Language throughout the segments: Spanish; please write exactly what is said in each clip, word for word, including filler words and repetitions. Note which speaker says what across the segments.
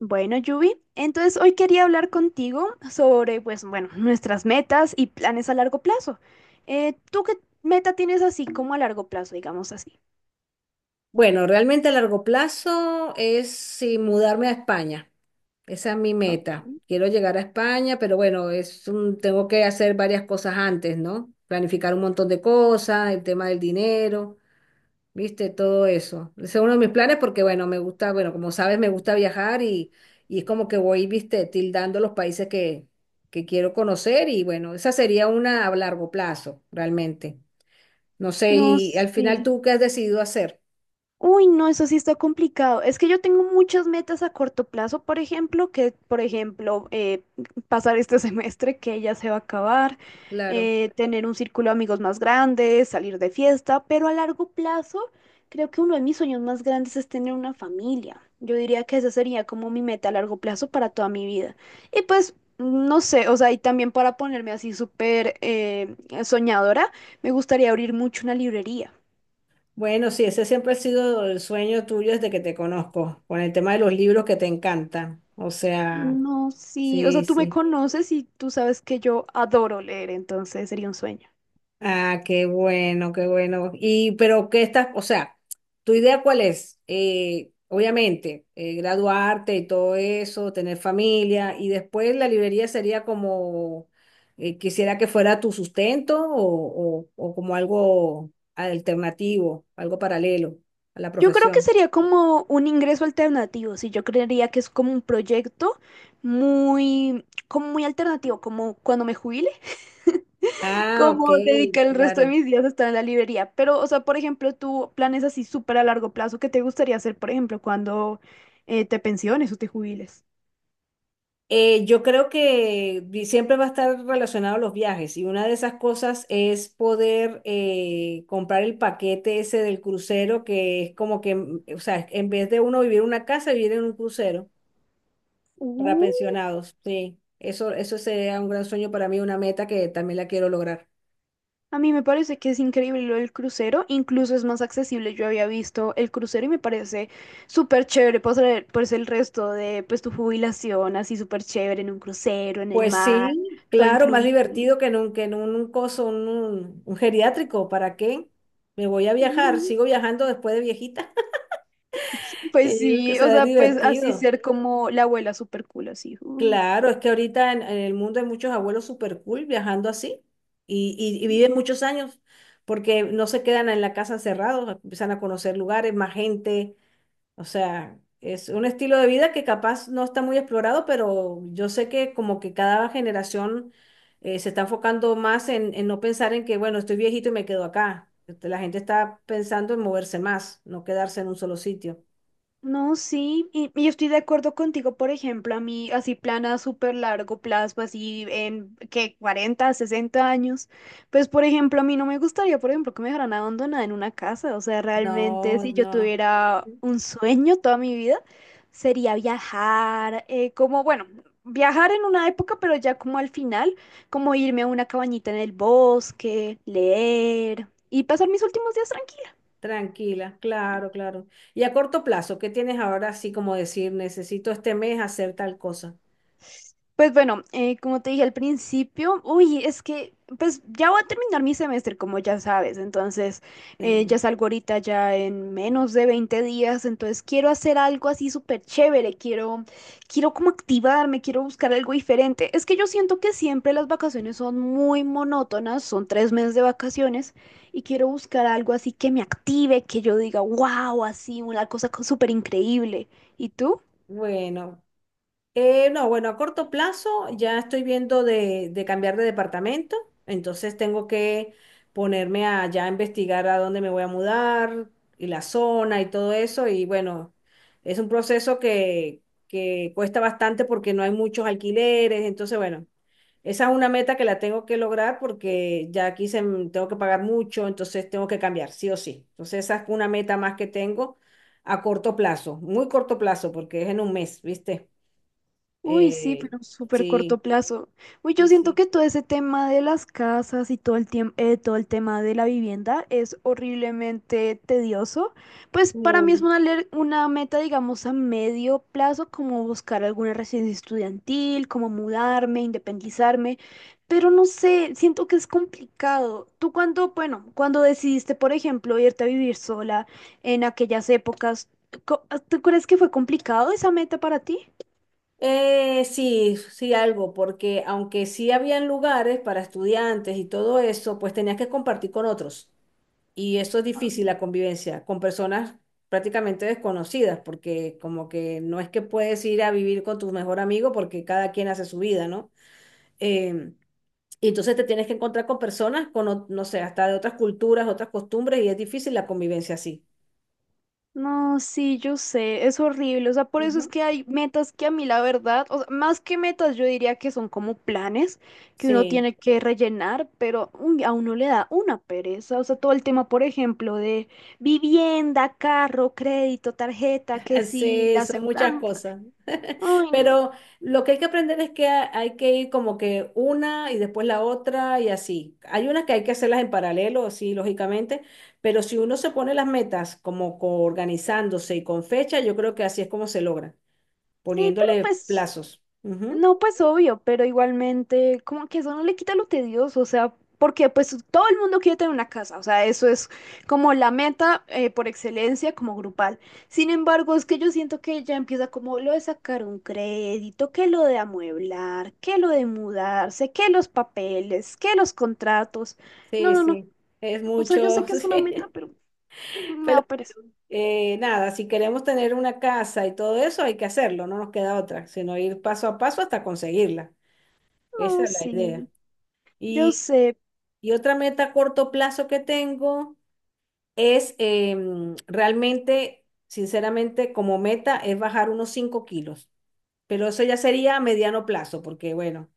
Speaker 1: Bueno, Yubi, entonces hoy quería hablar contigo sobre, pues, bueno, nuestras metas y planes a largo plazo. Eh, ¿tú qué meta tienes así como a largo plazo, digamos así?
Speaker 2: Bueno, realmente a largo plazo es sí, mudarme a España. Esa es mi meta.
Speaker 1: Ok.
Speaker 2: Quiero llegar a España, pero bueno, es un- tengo que hacer varias cosas antes, ¿no? Planificar un montón de cosas, el tema del dinero, ¿viste? Todo eso. Ese es uno de mis planes porque, bueno, me gusta, bueno, como sabes, me gusta viajar y, y es como que voy, ¿viste? Tildando los países que, que quiero conocer y, bueno, esa sería una a largo plazo, realmente. No sé,
Speaker 1: No
Speaker 2: y al final
Speaker 1: sé.
Speaker 2: tú, ¿qué has decidido hacer?
Speaker 1: Uy, no, eso sí está complicado. Es que yo tengo muchas metas a corto plazo, por ejemplo, que, por ejemplo, eh, pasar este semestre que ya se va a acabar,
Speaker 2: Claro.
Speaker 1: eh, tener un círculo de amigos más grande, salir de fiesta, pero a largo plazo creo que uno de mis sueños más grandes es tener una familia. Yo diría que esa sería como mi meta a largo plazo para toda mi vida. Y pues, no sé, o sea, y también para ponerme así súper eh, soñadora, me gustaría abrir mucho una librería.
Speaker 2: Bueno, sí, ese siempre ha sido el sueño tuyo desde que te conozco, con el tema de los libros que te encantan. O sea,
Speaker 1: No, sí, o sea,
Speaker 2: sí,
Speaker 1: tú me
Speaker 2: sí.
Speaker 1: conoces y tú sabes que yo adoro leer, entonces sería un sueño.
Speaker 2: Ah, qué bueno, qué bueno. Y, pero, ¿qué estás? O sea, ¿tu idea cuál es? Eh, obviamente, eh, graduarte y todo eso, tener familia, y después la librería sería como, eh, quisiera que fuera tu sustento o, o, o como algo alternativo, algo paralelo a la
Speaker 1: Yo creo que
Speaker 2: profesión.
Speaker 1: sería como un ingreso alternativo, sí, yo creería que es como un proyecto muy, como muy alternativo, como cuando me jubile,
Speaker 2: Ah, ok,
Speaker 1: como dedicar el resto de
Speaker 2: claro.
Speaker 1: mis días a estar en la librería. Pero, o sea, por ejemplo, tú planes así súper a largo plazo, ¿qué te gustaría hacer, por ejemplo, cuando eh, te pensiones o te jubiles?
Speaker 2: Eh, yo creo que vi- siempre va a estar relacionado a los viajes y una de esas cosas es poder eh, comprar el paquete ese del crucero que es como que, mm, o sea, en vez de uno vivir en una casa, vivir en un crucero para
Speaker 1: Uh,
Speaker 2: pensionados. Sí, eso, eso sería un gran sueño para mí, una meta que también la quiero lograr.
Speaker 1: a mí me parece que es increíble lo del crucero, incluso es más accesible. Yo había visto el crucero y me parece súper chévere pasar pues el resto de pues tu jubilación así súper chévere en un crucero, en el
Speaker 2: Pues
Speaker 1: mar,
Speaker 2: sí,
Speaker 1: todo
Speaker 2: claro, más
Speaker 1: incluido.
Speaker 2: divertido que en un, que en un coso, un, un un geriátrico. ¿Para qué? Me voy a viajar,
Speaker 1: Mm,
Speaker 2: sigo viajando después de viejita. Yo
Speaker 1: Pues
Speaker 2: creo que
Speaker 1: sí, o
Speaker 2: será
Speaker 1: sea, pues así
Speaker 2: divertido.
Speaker 1: ser como la abuela súper cool así. uh.
Speaker 2: Claro, es que ahorita en, en el mundo hay muchos abuelos super cool viajando así y, y- y viven muchos años porque no se quedan en la casa encerrados, empiezan a conocer lugares, más gente, o sea, es un estilo de vida que capaz no está muy explorado, pero yo sé que como que cada generación eh, se está enfocando más en, en no pensar en que, bueno, estoy viejito y me quedo acá. Este, la gente está pensando en moverse más, no quedarse en un solo sitio.
Speaker 1: No, sí, y, y yo estoy de acuerdo contigo, por ejemplo, a mí así plan a súper largo plazo, así en que cuarenta, sesenta años, pues por ejemplo, a mí no me gustaría, por ejemplo, que me dejaran abandonada en una casa, o sea, realmente
Speaker 2: No,
Speaker 1: si yo
Speaker 2: no.
Speaker 1: tuviera un sueño toda mi vida, sería viajar, eh, como, bueno, viajar en una época, pero ya como al final, como irme a una cabañita en el bosque, leer y pasar mis últimos días tranquila.
Speaker 2: Tranquila, claro, claro. Y a corto plazo, ¿qué tienes ahora así como decir, necesito este mes hacer tal cosa?
Speaker 1: Pues bueno, eh, como te dije al principio, uy, es que pues ya voy a terminar mi semestre, como ya sabes, entonces eh,
Speaker 2: Sí.
Speaker 1: ya salgo ahorita ya en menos de veinte días, entonces quiero hacer algo así súper chévere, quiero, quiero como activarme, quiero buscar algo diferente. Es que yo siento que siempre las vacaciones son muy monótonas, son tres meses de vacaciones y quiero buscar algo así que me active, que yo diga, wow, así, una cosa co- súper increíble. ¿Y tú?
Speaker 2: Bueno, Eh, no, bueno, a corto plazo ya estoy viendo de, de cambiar de departamento, entonces tengo que ponerme a ya investigar a dónde me voy a mudar y la zona y todo eso. Y bueno, es un proceso que, que cuesta bastante porque no hay muchos alquileres, entonces bueno, esa es una meta que la tengo que lograr porque ya aquí se, m- tengo que pagar mucho, entonces tengo que cambiar, sí o sí. Entonces esa es una meta más que tengo a corto plazo, muy corto plazo porque es en un mes, ¿viste?
Speaker 1: Uy, sí,
Speaker 2: Eh,
Speaker 1: pero súper corto
Speaker 2: sí,
Speaker 1: plazo. Uy, yo
Speaker 2: sí,
Speaker 1: siento
Speaker 2: sí,
Speaker 1: que todo ese tema de las casas y todo el tiempo, todo el tema de la vivienda es horriblemente tedioso. Pues para mí es
Speaker 2: muy.
Speaker 1: una, le- una meta, digamos, a medio plazo, como buscar alguna residencia estudiantil, como mudarme, independizarme. Pero no sé, siento que es complicado. Tú cuando, bueno, cuando decidiste, por ejemplo, irte a vivir sola en aquellas épocas, co- ¿tú crees que fue complicado esa meta para ti?
Speaker 2: Eh, sí, sí, algo, porque aunque sí habían lugares para estudiantes y todo eso, pues tenías que compartir con otros. Y eso es difícil, la convivencia, con personas prácticamente desconocidas, porque como que no es que puedes ir a vivir con tu mejor amigo porque cada quien hace su vida, ¿no? Em, y entonces te tienes que encontrar con personas, con, o- no sé, hasta de otras culturas, otras costumbres, y es difícil la convivencia así.
Speaker 1: No, sí, yo sé, es horrible, o sea, por eso es
Speaker 2: Ujú.
Speaker 1: que hay metas que a mí la verdad, o sea, más que metas yo diría que son como planes que uno
Speaker 2: Sí.
Speaker 1: tiene que rellenar, pero uy, a uno le da una pereza, o sea, todo el tema, por ejemplo, de vivienda, carro, crédito, tarjeta, que sí,
Speaker 2: Sí,
Speaker 1: la
Speaker 2: son muchas
Speaker 1: aseguranza.
Speaker 2: cosas.
Speaker 1: Ay, no.
Speaker 2: Pero lo que hay que aprender es que ha- hay que ir como que una y después la otra y así. Hay unas que hay que hacerlas en paralelo, sí, lógicamente, pero si uno se pone las metas como co- organizándose y con fecha, yo creo que así es como se logra,
Speaker 1: Sí, pero
Speaker 2: poniéndole
Speaker 1: pues,
Speaker 2: plazos. Ujú.
Speaker 1: no, pues obvio, pero igualmente, como que eso no le quita lo tedioso, o sea, porque pues todo el mundo quiere tener una casa, o sea, eso es como la meta eh, por excelencia como grupal. Sin embargo, es que yo siento que ya empieza como lo de sacar un crédito, que lo de amueblar, que lo de mudarse, que los papeles, que los contratos. No,
Speaker 2: Sí,
Speaker 1: no, no.
Speaker 2: sí, es
Speaker 1: O sea, yo sé
Speaker 2: mucho,
Speaker 1: que es una meta,
Speaker 2: sí.
Speaker 1: pero me
Speaker 2: Pero
Speaker 1: da pereza.
Speaker 2: eh, nada, si queremos tener una casa y todo eso, hay que hacerlo, no nos queda otra, sino ir paso a paso hasta conseguirla. Esa
Speaker 1: No,
Speaker 2: es la idea.
Speaker 1: sí, yo
Speaker 2: Y,
Speaker 1: sé.
Speaker 2: y otra meta a corto plazo que tengo es em, realmente, sinceramente, como meta es bajar unos cinco kilos, pero eso ya sería a mediano plazo, porque bueno,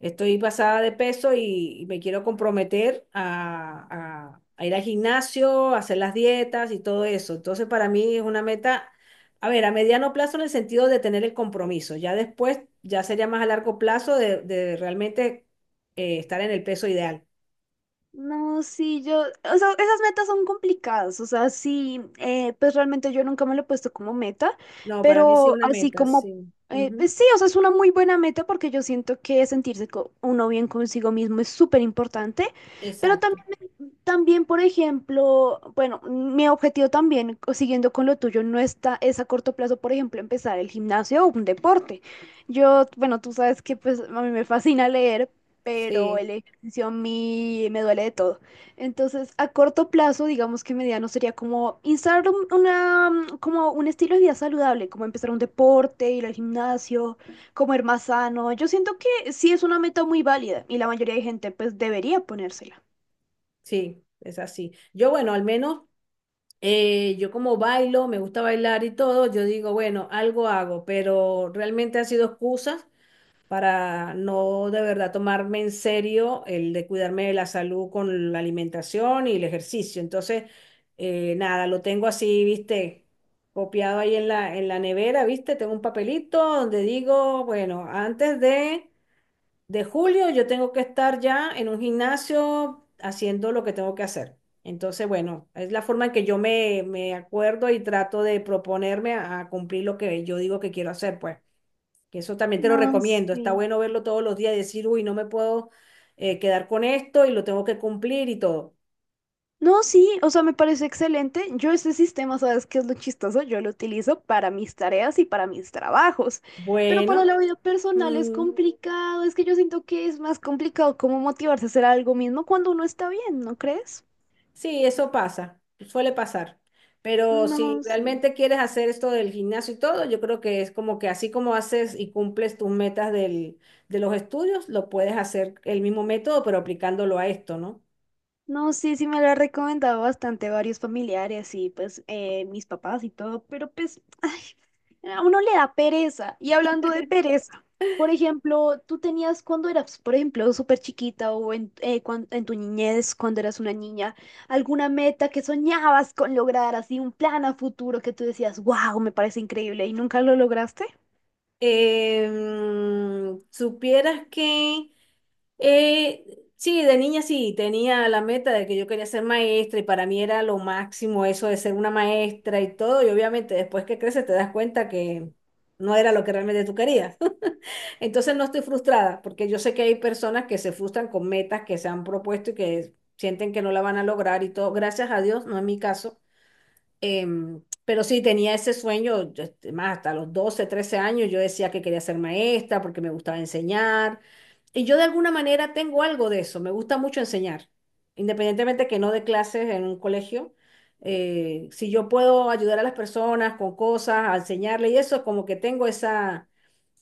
Speaker 2: estoy pasada de peso y, y me quiero comprometer a, a- a ir al gimnasio, a hacer las dietas y todo eso. Entonces, para mí es una meta, a ver, a mediano plazo en el sentido de tener el compromiso, ya después, ya sería más a largo plazo de, de realmente eh, estar en el peso ideal.
Speaker 1: No, sí, yo, o sea, esas metas son complicadas, o sea, sí, eh, pues realmente yo nunca me lo he puesto como meta,
Speaker 2: No, para mí sí es
Speaker 1: pero
Speaker 2: una
Speaker 1: así
Speaker 2: meta, sí.
Speaker 1: como, eh,
Speaker 2: Ujú,
Speaker 1: pues sí, o sea, es una muy buena meta porque yo siento que sentirse co- uno bien consigo mismo es súper importante, pero
Speaker 2: exacto.
Speaker 1: también, también, por ejemplo, bueno, mi objetivo también, co- siguiendo con lo tuyo, no está, es a corto plazo, por ejemplo, empezar el gimnasio o un deporte. Yo, bueno, tú sabes que pues a mí me fascina leer, pero
Speaker 2: Sí,
Speaker 1: el ejercicio a mí me duele de todo. Entonces, a corto plazo, digamos que mediano sería como instalar un- una, mm, como un estilo de vida saludable, como empezar un deporte, ir al gimnasio, comer más sano. Yo siento que sí es una meta muy válida y la mayoría de gente pues debería ponérsela.
Speaker 2: sí, es así. Yo, bueno, al menos eh, yo como bailo, me gusta bailar y todo, yo digo, bueno, algo hago, pero realmente han sido excusas para no de verdad tomarme en serio el de cuidarme de la salud con la alimentación y el ejercicio. Entonces, eh, nada, lo tengo así, viste, copiado ahí en la, en la nevera, ¿viste? Tengo un papelito donde digo, bueno, antes de de julio yo tengo que estar ya en un gimnasio haciendo lo que tengo que hacer. Entonces, bueno, es la forma en que yo me, me acuerdo y trato de proponerme a, a cumplir lo que yo digo que quiero hacer, pues. Que eso también te lo
Speaker 1: No
Speaker 2: recomiendo.
Speaker 1: sé.
Speaker 2: Está bueno verlo todos los días y decir, uy, no me puedo eh, quedar con esto y lo tengo que cumplir y todo.
Speaker 1: No, sí, o sea, me parece excelente. Yo ese sistema, ¿sabes qué es lo chistoso? Yo lo utilizo para mis tareas y para mis trabajos, pero para
Speaker 2: Bueno,
Speaker 1: la vida personal es
Speaker 2: mm,
Speaker 1: complicado. Es que yo siento que es más complicado como motivarse a hacer algo mismo cuando uno está bien, ¿no crees?
Speaker 2: sí, eso pasa, suele pasar. Pero si
Speaker 1: No, sí.
Speaker 2: realmente quieres hacer esto del gimnasio y todo, yo creo que es como que así como haces y cumples tus metas del, de los estudios, lo puedes hacer el mismo método, pero aplicándolo a esto, ¿no?
Speaker 1: No, sí, sí me lo ha recomendado bastante varios familiares y pues eh, mis papás y todo, pero pues ay, a uno le da pereza. Y hablando de pereza, por ejemplo, tú tenías cuando eras, por ejemplo, súper chiquita o en, eh, cuan- en tu niñez, cuando eras una niña, alguna meta que soñabas con lograr, así un plan a futuro que tú decías, wow, me parece increíble y nunca lo lograste.
Speaker 2: Em, supieras que, eh, sí, de niña sí, tenía la meta de que yo quería ser maestra y para mí era lo máximo eso de ser una maestra y todo, y obviamente después que creces te das cuenta que no era lo que realmente tú querías. Entonces no estoy frustrada, porque yo sé que hay personas que se frustran con metas que se han propuesto y que sienten que no la van a lograr y todo. Gracias a Dios, no es mi caso. Em, pero sí, tenía ese sueño, yo, este, más hasta los doce trece años, yo decía que quería ser maestra porque me gustaba enseñar. Y yo de alguna manera tengo algo de eso, me gusta mucho enseñar, independientemente que no dé clases en un colegio. eh, si yo puedo ayudar a las personas con cosas, a enseñarle y eso, como que tengo esa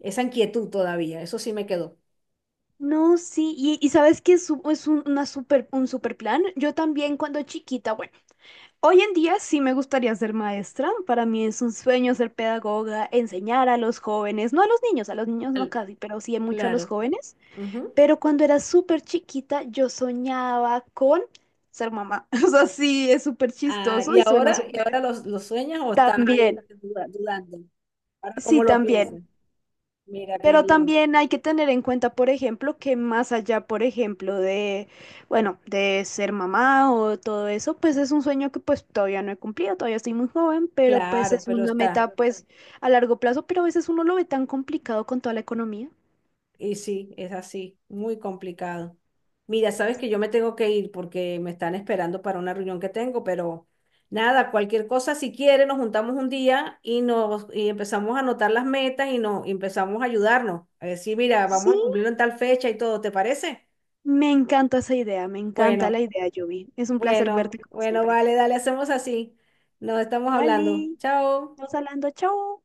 Speaker 2: esa inquietud todavía, eso sí me quedó.
Speaker 1: No, sí, y, y sabes que es, un- es un- una super, un super plan. Yo también cuando chiquita, bueno. Hoy en día sí me gustaría ser maestra. Para mí es un sueño ser pedagoga, enseñar a los jóvenes, no a los niños, a los niños no
Speaker 2: Al-
Speaker 1: casi, pero sí mucho a los
Speaker 2: Claro.
Speaker 1: jóvenes.
Speaker 2: Ujú.
Speaker 1: Pero cuando era súper chiquita yo soñaba con ser mamá. O sea, sí, es súper
Speaker 2: Ah,
Speaker 1: chistoso
Speaker 2: ¿y
Speaker 1: y suena
Speaker 2: ahora, y ahora
Speaker 1: súper.
Speaker 2: los los sueñas o estás ahí
Speaker 1: También,
Speaker 2: duda- dudando? Ahora,
Speaker 1: sí,
Speaker 2: ¿cómo lo
Speaker 1: también.
Speaker 2: piensas? Mira, qué
Speaker 1: Pero
Speaker 2: bien.
Speaker 1: también hay que tener en cuenta, por ejemplo, que más allá, por ejemplo, de, bueno, de ser mamá o todo eso, pues es un sueño que pues todavía no he cumplido, todavía estoy muy joven, pero pues
Speaker 2: Claro,
Speaker 1: es
Speaker 2: pero
Speaker 1: una
Speaker 2: está.
Speaker 1: meta pues a largo plazo, pero a veces uno lo ve tan complicado con toda la economía.
Speaker 2: Y sí, es así, muy complicado. Mira, sabes que yo me tengo que ir porque me están esperando para una reunión que tengo, pero nada, cualquier cosa, si quiere nos juntamos un día y nos y empezamos a anotar las metas y nos y empezamos a ayudarnos. A decir, mira, vamos
Speaker 1: Sí,
Speaker 2: a cumplirlo en tal fecha y todo, ¿te parece?
Speaker 1: me encanta esa idea, me encanta
Speaker 2: Bueno,
Speaker 1: la idea, Yubi. Es un placer
Speaker 2: bueno,
Speaker 1: verte como
Speaker 2: bueno,
Speaker 1: siempre.
Speaker 2: vale, dale, hacemos así. Nos estamos hablando.
Speaker 1: Dale,
Speaker 2: Chao.
Speaker 1: nos hablando, chao.